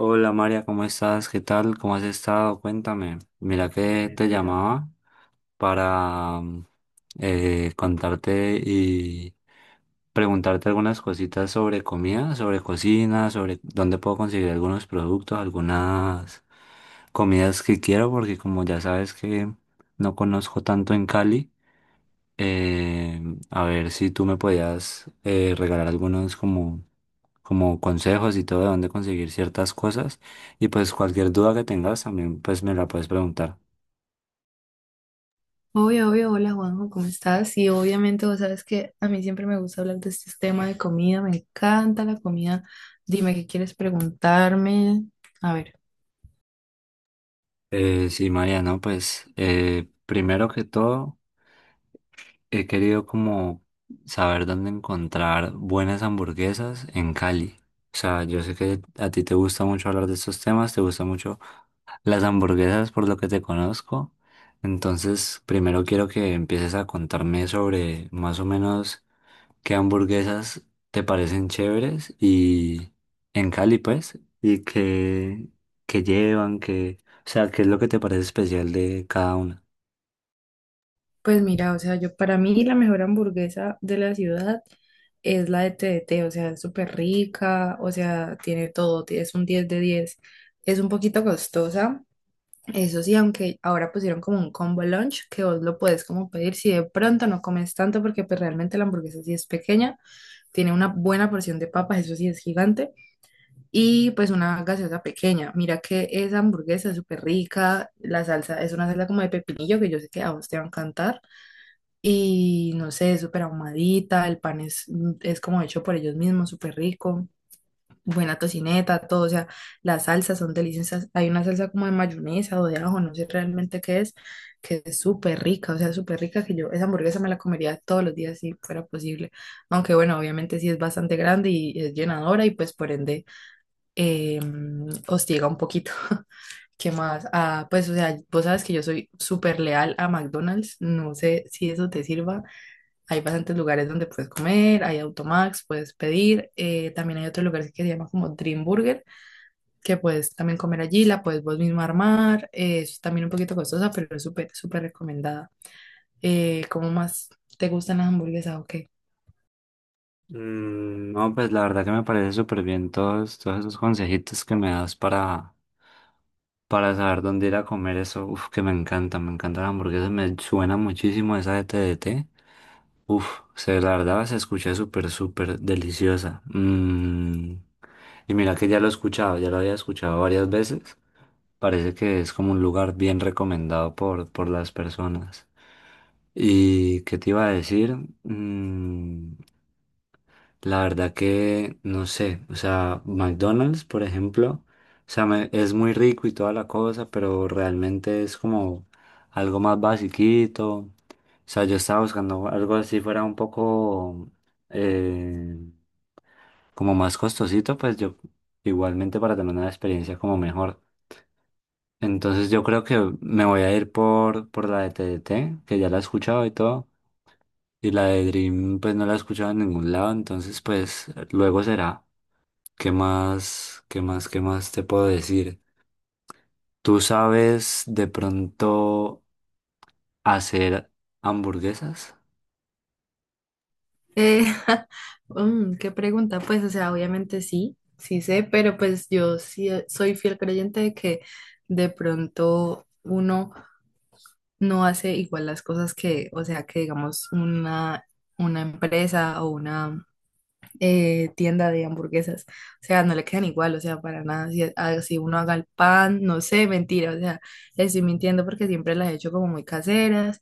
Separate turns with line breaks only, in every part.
Hola María, ¿cómo estás? ¿Qué tal? ¿Cómo has estado? Cuéntame. Mira que te llamaba para contarte y preguntarte algunas cositas sobre comida, sobre cocina, sobre dónde puedo conseguir algunos productos, algunas comidas que quiero, porque como ya sabes que no conozco tanto en Cali, eh, a ver si tú me podías regalar algunos como consejos y todo de dónde conseguir ciertas cosas. Y pues cualquier duda que tengas también pues me la puedes preguntar.
Obvio, obvio, hola Juanjo, ¿cómo estás? Y obviamente vos sabes que a mí siempre me gusta hablar de este tema de comida, me encanta la comida. Dime qué quieres preguntarme. A ver,
Sí, María, no, pues primero que todo he querido como saber dónde encontrar buenas hamburguesas en Cali. O sea, yo sé que a ti te gusta mucho hablar de estos temas, te gustan mucho las hamburguesas por lo que te conozco. Entonces, primero quiero que empieces a contarme sobre más o menos qué hamburguesas te parecen chéveres y en Cali, pues, qué llevan, o sea, qué es lo que te parece especial de cada una.
pues mira, o sea, yo para mí la mejor hamburguesa de la ciudad es la de TDT, o sea, es súper rica, o sea, tiene todo, es un 10 de 10. Es un poquito costosa, eso sí, aunque ahora pusieron como un combo lunch que vos lo puedes como pedir si de pronto no comes tanto porque pues realmente la hamburguesa sí es pequeña. Tiene una buena porción de papas, eso sí es gigante, y pues una gaseosa pequeña. Mira que esa hamburguesa es súper rica, la salsa es una salsa como de pepinillo que yo sé que a vos te va a encantar, y no sé, es súper ahumadita, el pan es como hecho por ellos mismos, súper rico, buena tocineta, todo, o sea, las salsas son deliciosas. Hay una salsa como de mayonesa o de ajo, no sé realmente qué es, que es súper rica, o sea, súper rica, que yo esa hamburguesa me la comería todos los días si fuera posible. Aunque bueno, obviamente sí es bastante grande y es llenadora y pues por ende, eh, hostiga un poquito. ¿Qué más? Ah, pues o sea, vos sabes que yo soy súper leal a McDonald's, no sé si eso te sirva. Hay bastantes lugares donde puedes comer, hay Automax, puedes pedir, también hay otro lugar que se llama como Dream Burger, que puedes también comer allí, la puedes vos mismo armar, es también un poquito costosa, pero es súper, súper recomendada. ¿Cómo más te gustan las hamburguesas o qué?
No, pues la verdad que me parece súper bien todos esos consejitos que me das para saber dónde ir a comer eso. Uf, que me encanta la hamburguesa, me suena muchísimo esa de TDT. Uf, se, la verdad se escucha súper, súper deliciosa. Y mira que ya lo he escuchado, ya lo había escuchado varias veces. Parece que es como un lugar bien recomendado por las personas. ¿Y qué te iba a decir? Mm, la verdad que no sé, o sea, McDonald's, por ejemplo, es muy rico y toda la cosa, pero realmente es como algo más basiquito. O sea, yo estaba buscando algo así fuera un poco eh, como más costosito, pues yo igualmente para tener una experiencia como mejor. Entonces yo creo que me voy a ir por la de TDT, que ya la he escuchado y todo. Y la de Dream, pues no la he escuchado en ningún lado. Entonces, pues luego será. ¿Qué más, qué más, qué más te puedo decir? ¿Tú sabes de pronto hacer hamburguesas?
Eh, qué pregunta, pues, o sea, obviamente sí, sí sé, pero pues yo sí, soy fiel creyente de que de pronto uno no hace igual las cosas que, o sea, que digamos una empresa o una tienda de hamburguesas. O sea, no le quedan igual, o sea, para nada. Si, si uno haga el pan, no sé, mentira, o sea, les estoy mintiendo porque siempre las he hecho como muy caseras.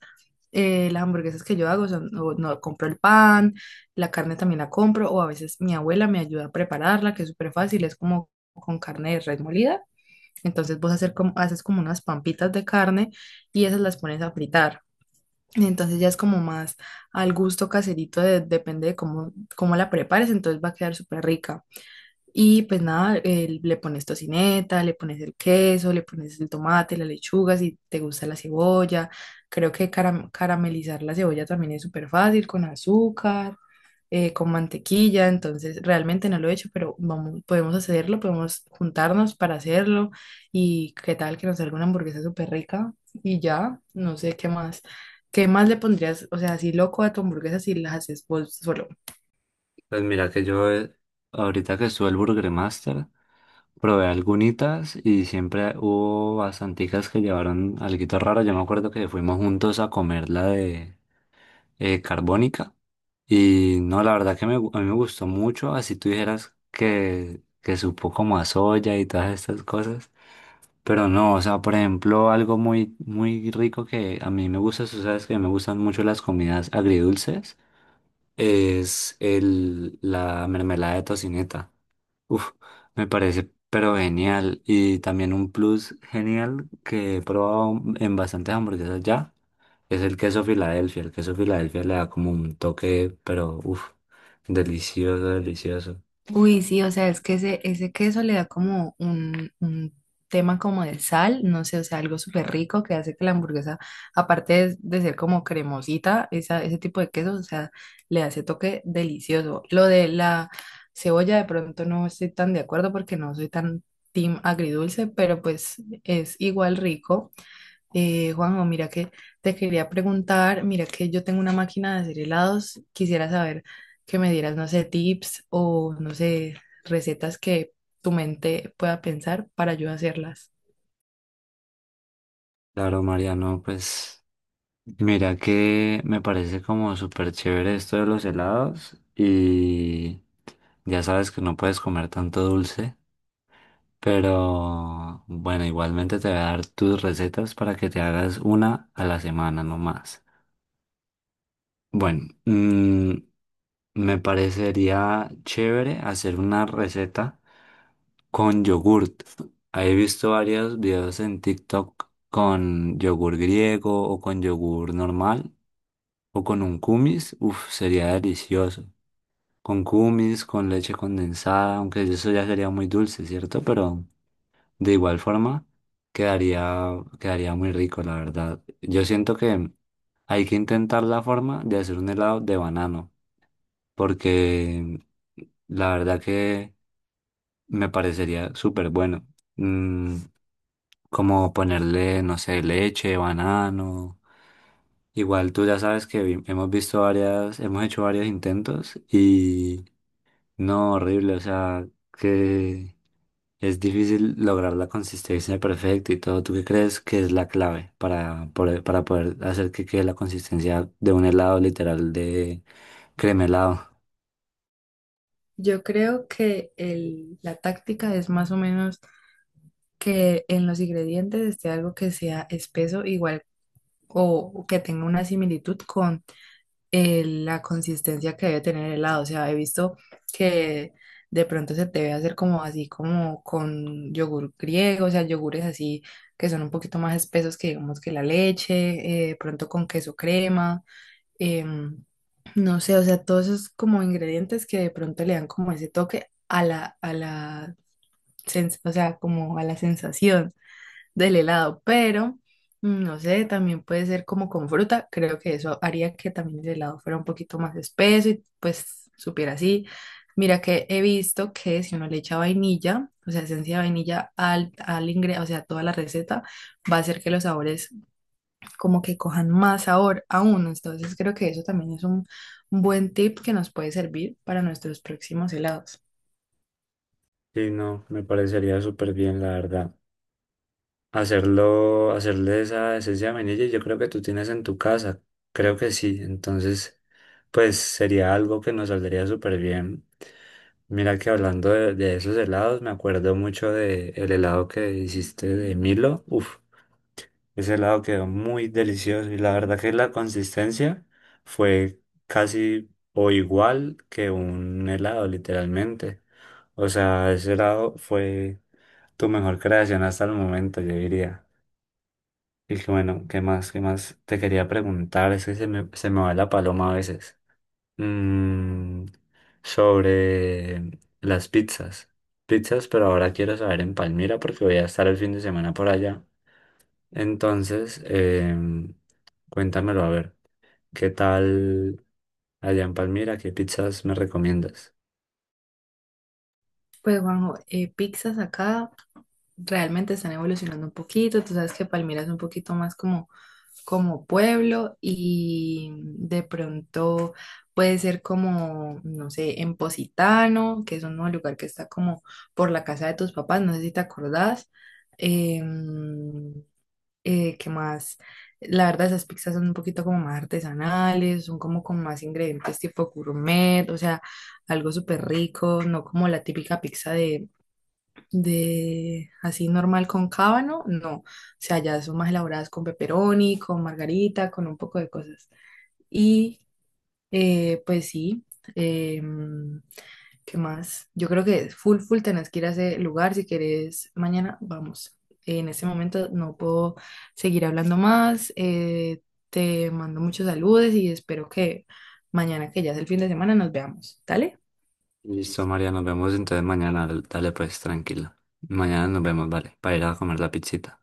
Las hamburguesas que yo hago son, o no compro el pan, la carne también la compro, o a veces mi abuela me ayuda a prepararla, que es súper fácil, es como con carne de res molida. Entonces vos hacer como, haces como unas pampitas de carne y esas las pones a fritar. Entonces ya es como más al gusto caserito, depende de cómo, cómo la prepares, entonces va a quedar súper rica. Y pues nada, le pones tocineta, le pones el queso, le pones el tomate, la lechuga, si te gusta la cebolla. Creo que caramelizar la cebolla también es súper fácil con azúcar, con mantequilla. Entonces, realmente no lo he hecho, pero vamos, podemos hacerlo, podemos juntarnos para hacerlo. Y qué tal que nos salga una hamburguesa súper rica y ya, no sé qué más. ¿Qué más le pondrías? O sea, así loco a tu hamburguesa si la haces vos solo.
Pues mira que yo, ahorita que estuve el Burger Master, probé algunitas y siempre hubo bastanticas que llevaron alguito raro. Yo me acuerdo que fuimos juntos a comer la de carbónica. Y no, la verdad que a mí me gustó mucho, así tú dijeras que supo como a soya y todas estas cosas. Pero no, o sea, por ejemplo, algo muy, muy rico que a mí me gusta, tú sabes que me gustan mucho las comidas agridulces es la mermelada de tocineta. Uf, me parece pero genial. Y también un plus genial que he probado en bastantes hamburguesas ya es el queso Filadelfia. El queso Filadelfia le da como un toque, pero uf, delicioso, delicioso.
Uy, sí, o sea, es que ese queso le da como un tema como de sal, no sé, o sea, algo súper rico que hace que la hamburguesa, aparte de ser como cremosita, esa, ese tipo de queso, o sea, le hace toque delicioso. Lo de la cebolla, de pronto no estoy tan de acuerdo porque no soy tan team agridulce, pero pues es igual rico. Juanjo, mira que te quería preguntar, mira que yo tengo una máquina de hacer helados, quisiera saber que me dieras, no sé, tips o, no sé, recetas que tu mente pueda pensar para yo hacerlas.
Claro, Mariano, pues mira que me parece como súper chévere esto de los helados y ya sabes que no puedes comer tanto dulce. Pero bueno, igualmente te voy a dar tus recetas para que te hagas una a la semana, no más. Bueno, me parecería chévere hacer una receta con yogurt. He visto varios videos en TikTok con yogur griego o con yogur normal o con un kumis. Uf, sería delicioso. Con kumis, con leche condensada, aunque eso ya sería muy dulce, ¿cierto? Pero... de igual forma, quedaría muy rico, la verdad. Yo siento que hay que intentar la forma de hacer un helado de banano, porque la verdad que me parecería súper bueno. Mm, Como ponerle, no sé, leche, banano. Igual tú ya sabes que hemos visto varias, hemos hecho varios intentos y no, horrible, o sea, que es difícil lograr la consistencia perfecta y todo. ¿Tú qué crees que es la clave para poder hacer que quede la consistencia de un helado literal de crema helado?
Yo creo que la táctica es más o menos que en los ingredientes esté algo que sea espeso, igual o que tenga una similitud, la consistencia que debe tener el helado. O sea, he visto que de pronto se te debe hacer como así, como con yogur griego, o sea, yogures así que son un poquito más espesos que digamos que la leche, de pronto con queso crema, em, no sé, o sea, todos esos como ingredientes que de pronto le dan como ese toque a la, o sea, como a la sensación del helado, pero no sé, también puede ser como con fruta. Creo que eso haría que también el helado fuera un poquito más espeso y pues supiera así. Mira que he visto que si uno le echa vainilla, o sea, esencia de vainilla al, al o sea, a toda la receta, va a hacer que los sabores como que cojan más sabor aún. Entonces creo que eso también es un buen tip que nos puede servir para nuestros próximos helados.
Sí, no, me parecería súper bien, la verdad. Hacerlo, hacerle esa esencia de vainilla, yo creo que tú tienes en tu casa. Creo que sí. Entonces, pues sería algo que nos saldría súper bien. Mira que hablando de esos helados, me acuerdo mucho de el helado que hiciste de Milo. Uf. Ese helado quedó muy delicioso y la verdad que la consistencia fue casi o igual que un helado, literalmente. O sea, ese helado fue tu mejor creación hasta el momento, yo diría. Y que bueno, ¿qué más? ¿Qué más te quería preguntar? Es que se me va la paloma a veces. Mm, Sobre las pizzas. Pizzas, pero ahora quiero saber en Palmira porque voy a estar el fin de semana por allá. Entonces, cuéntamelo a ver. ¿Qué tal allá en Palmira? ¿Qué pizzas me recomiendas?
Pues Juanjo, pizzas acá, realmente están evolucionando un poquito. Tú sabes que Palmira es un poquito más como, como pueblo y de pronto puede ser como, no sé, en Positano, que es un nuevo lugar que está como por la casa de tus papás, no sé si te acordás. Em, ¿Qué más? La verdad, esas pizzas son un poquito como más artesanales, son como con más ingredientes tipo gourmet, o sea, algo súper rico, no como la típica pizza de así normal con cábano, no. O sea, ya son más elaboradas con pepperoni, con margarita, con un poco de cosas. Y pues sí, em, ¿qué más? Yo creo que full, full tenés que ir a ese lugar si querés. Mañana vamos. En este momento no puedo seguir hablando más. Te mando muchos saludos y espero que mañana, que ya es el fin de semana, nos veamos. ¿Dale?
Listo, María, nos vemos entonces mañana. Dale pues, tranquila. Mañana nos vemos, vale, para ir a comer la pizzita.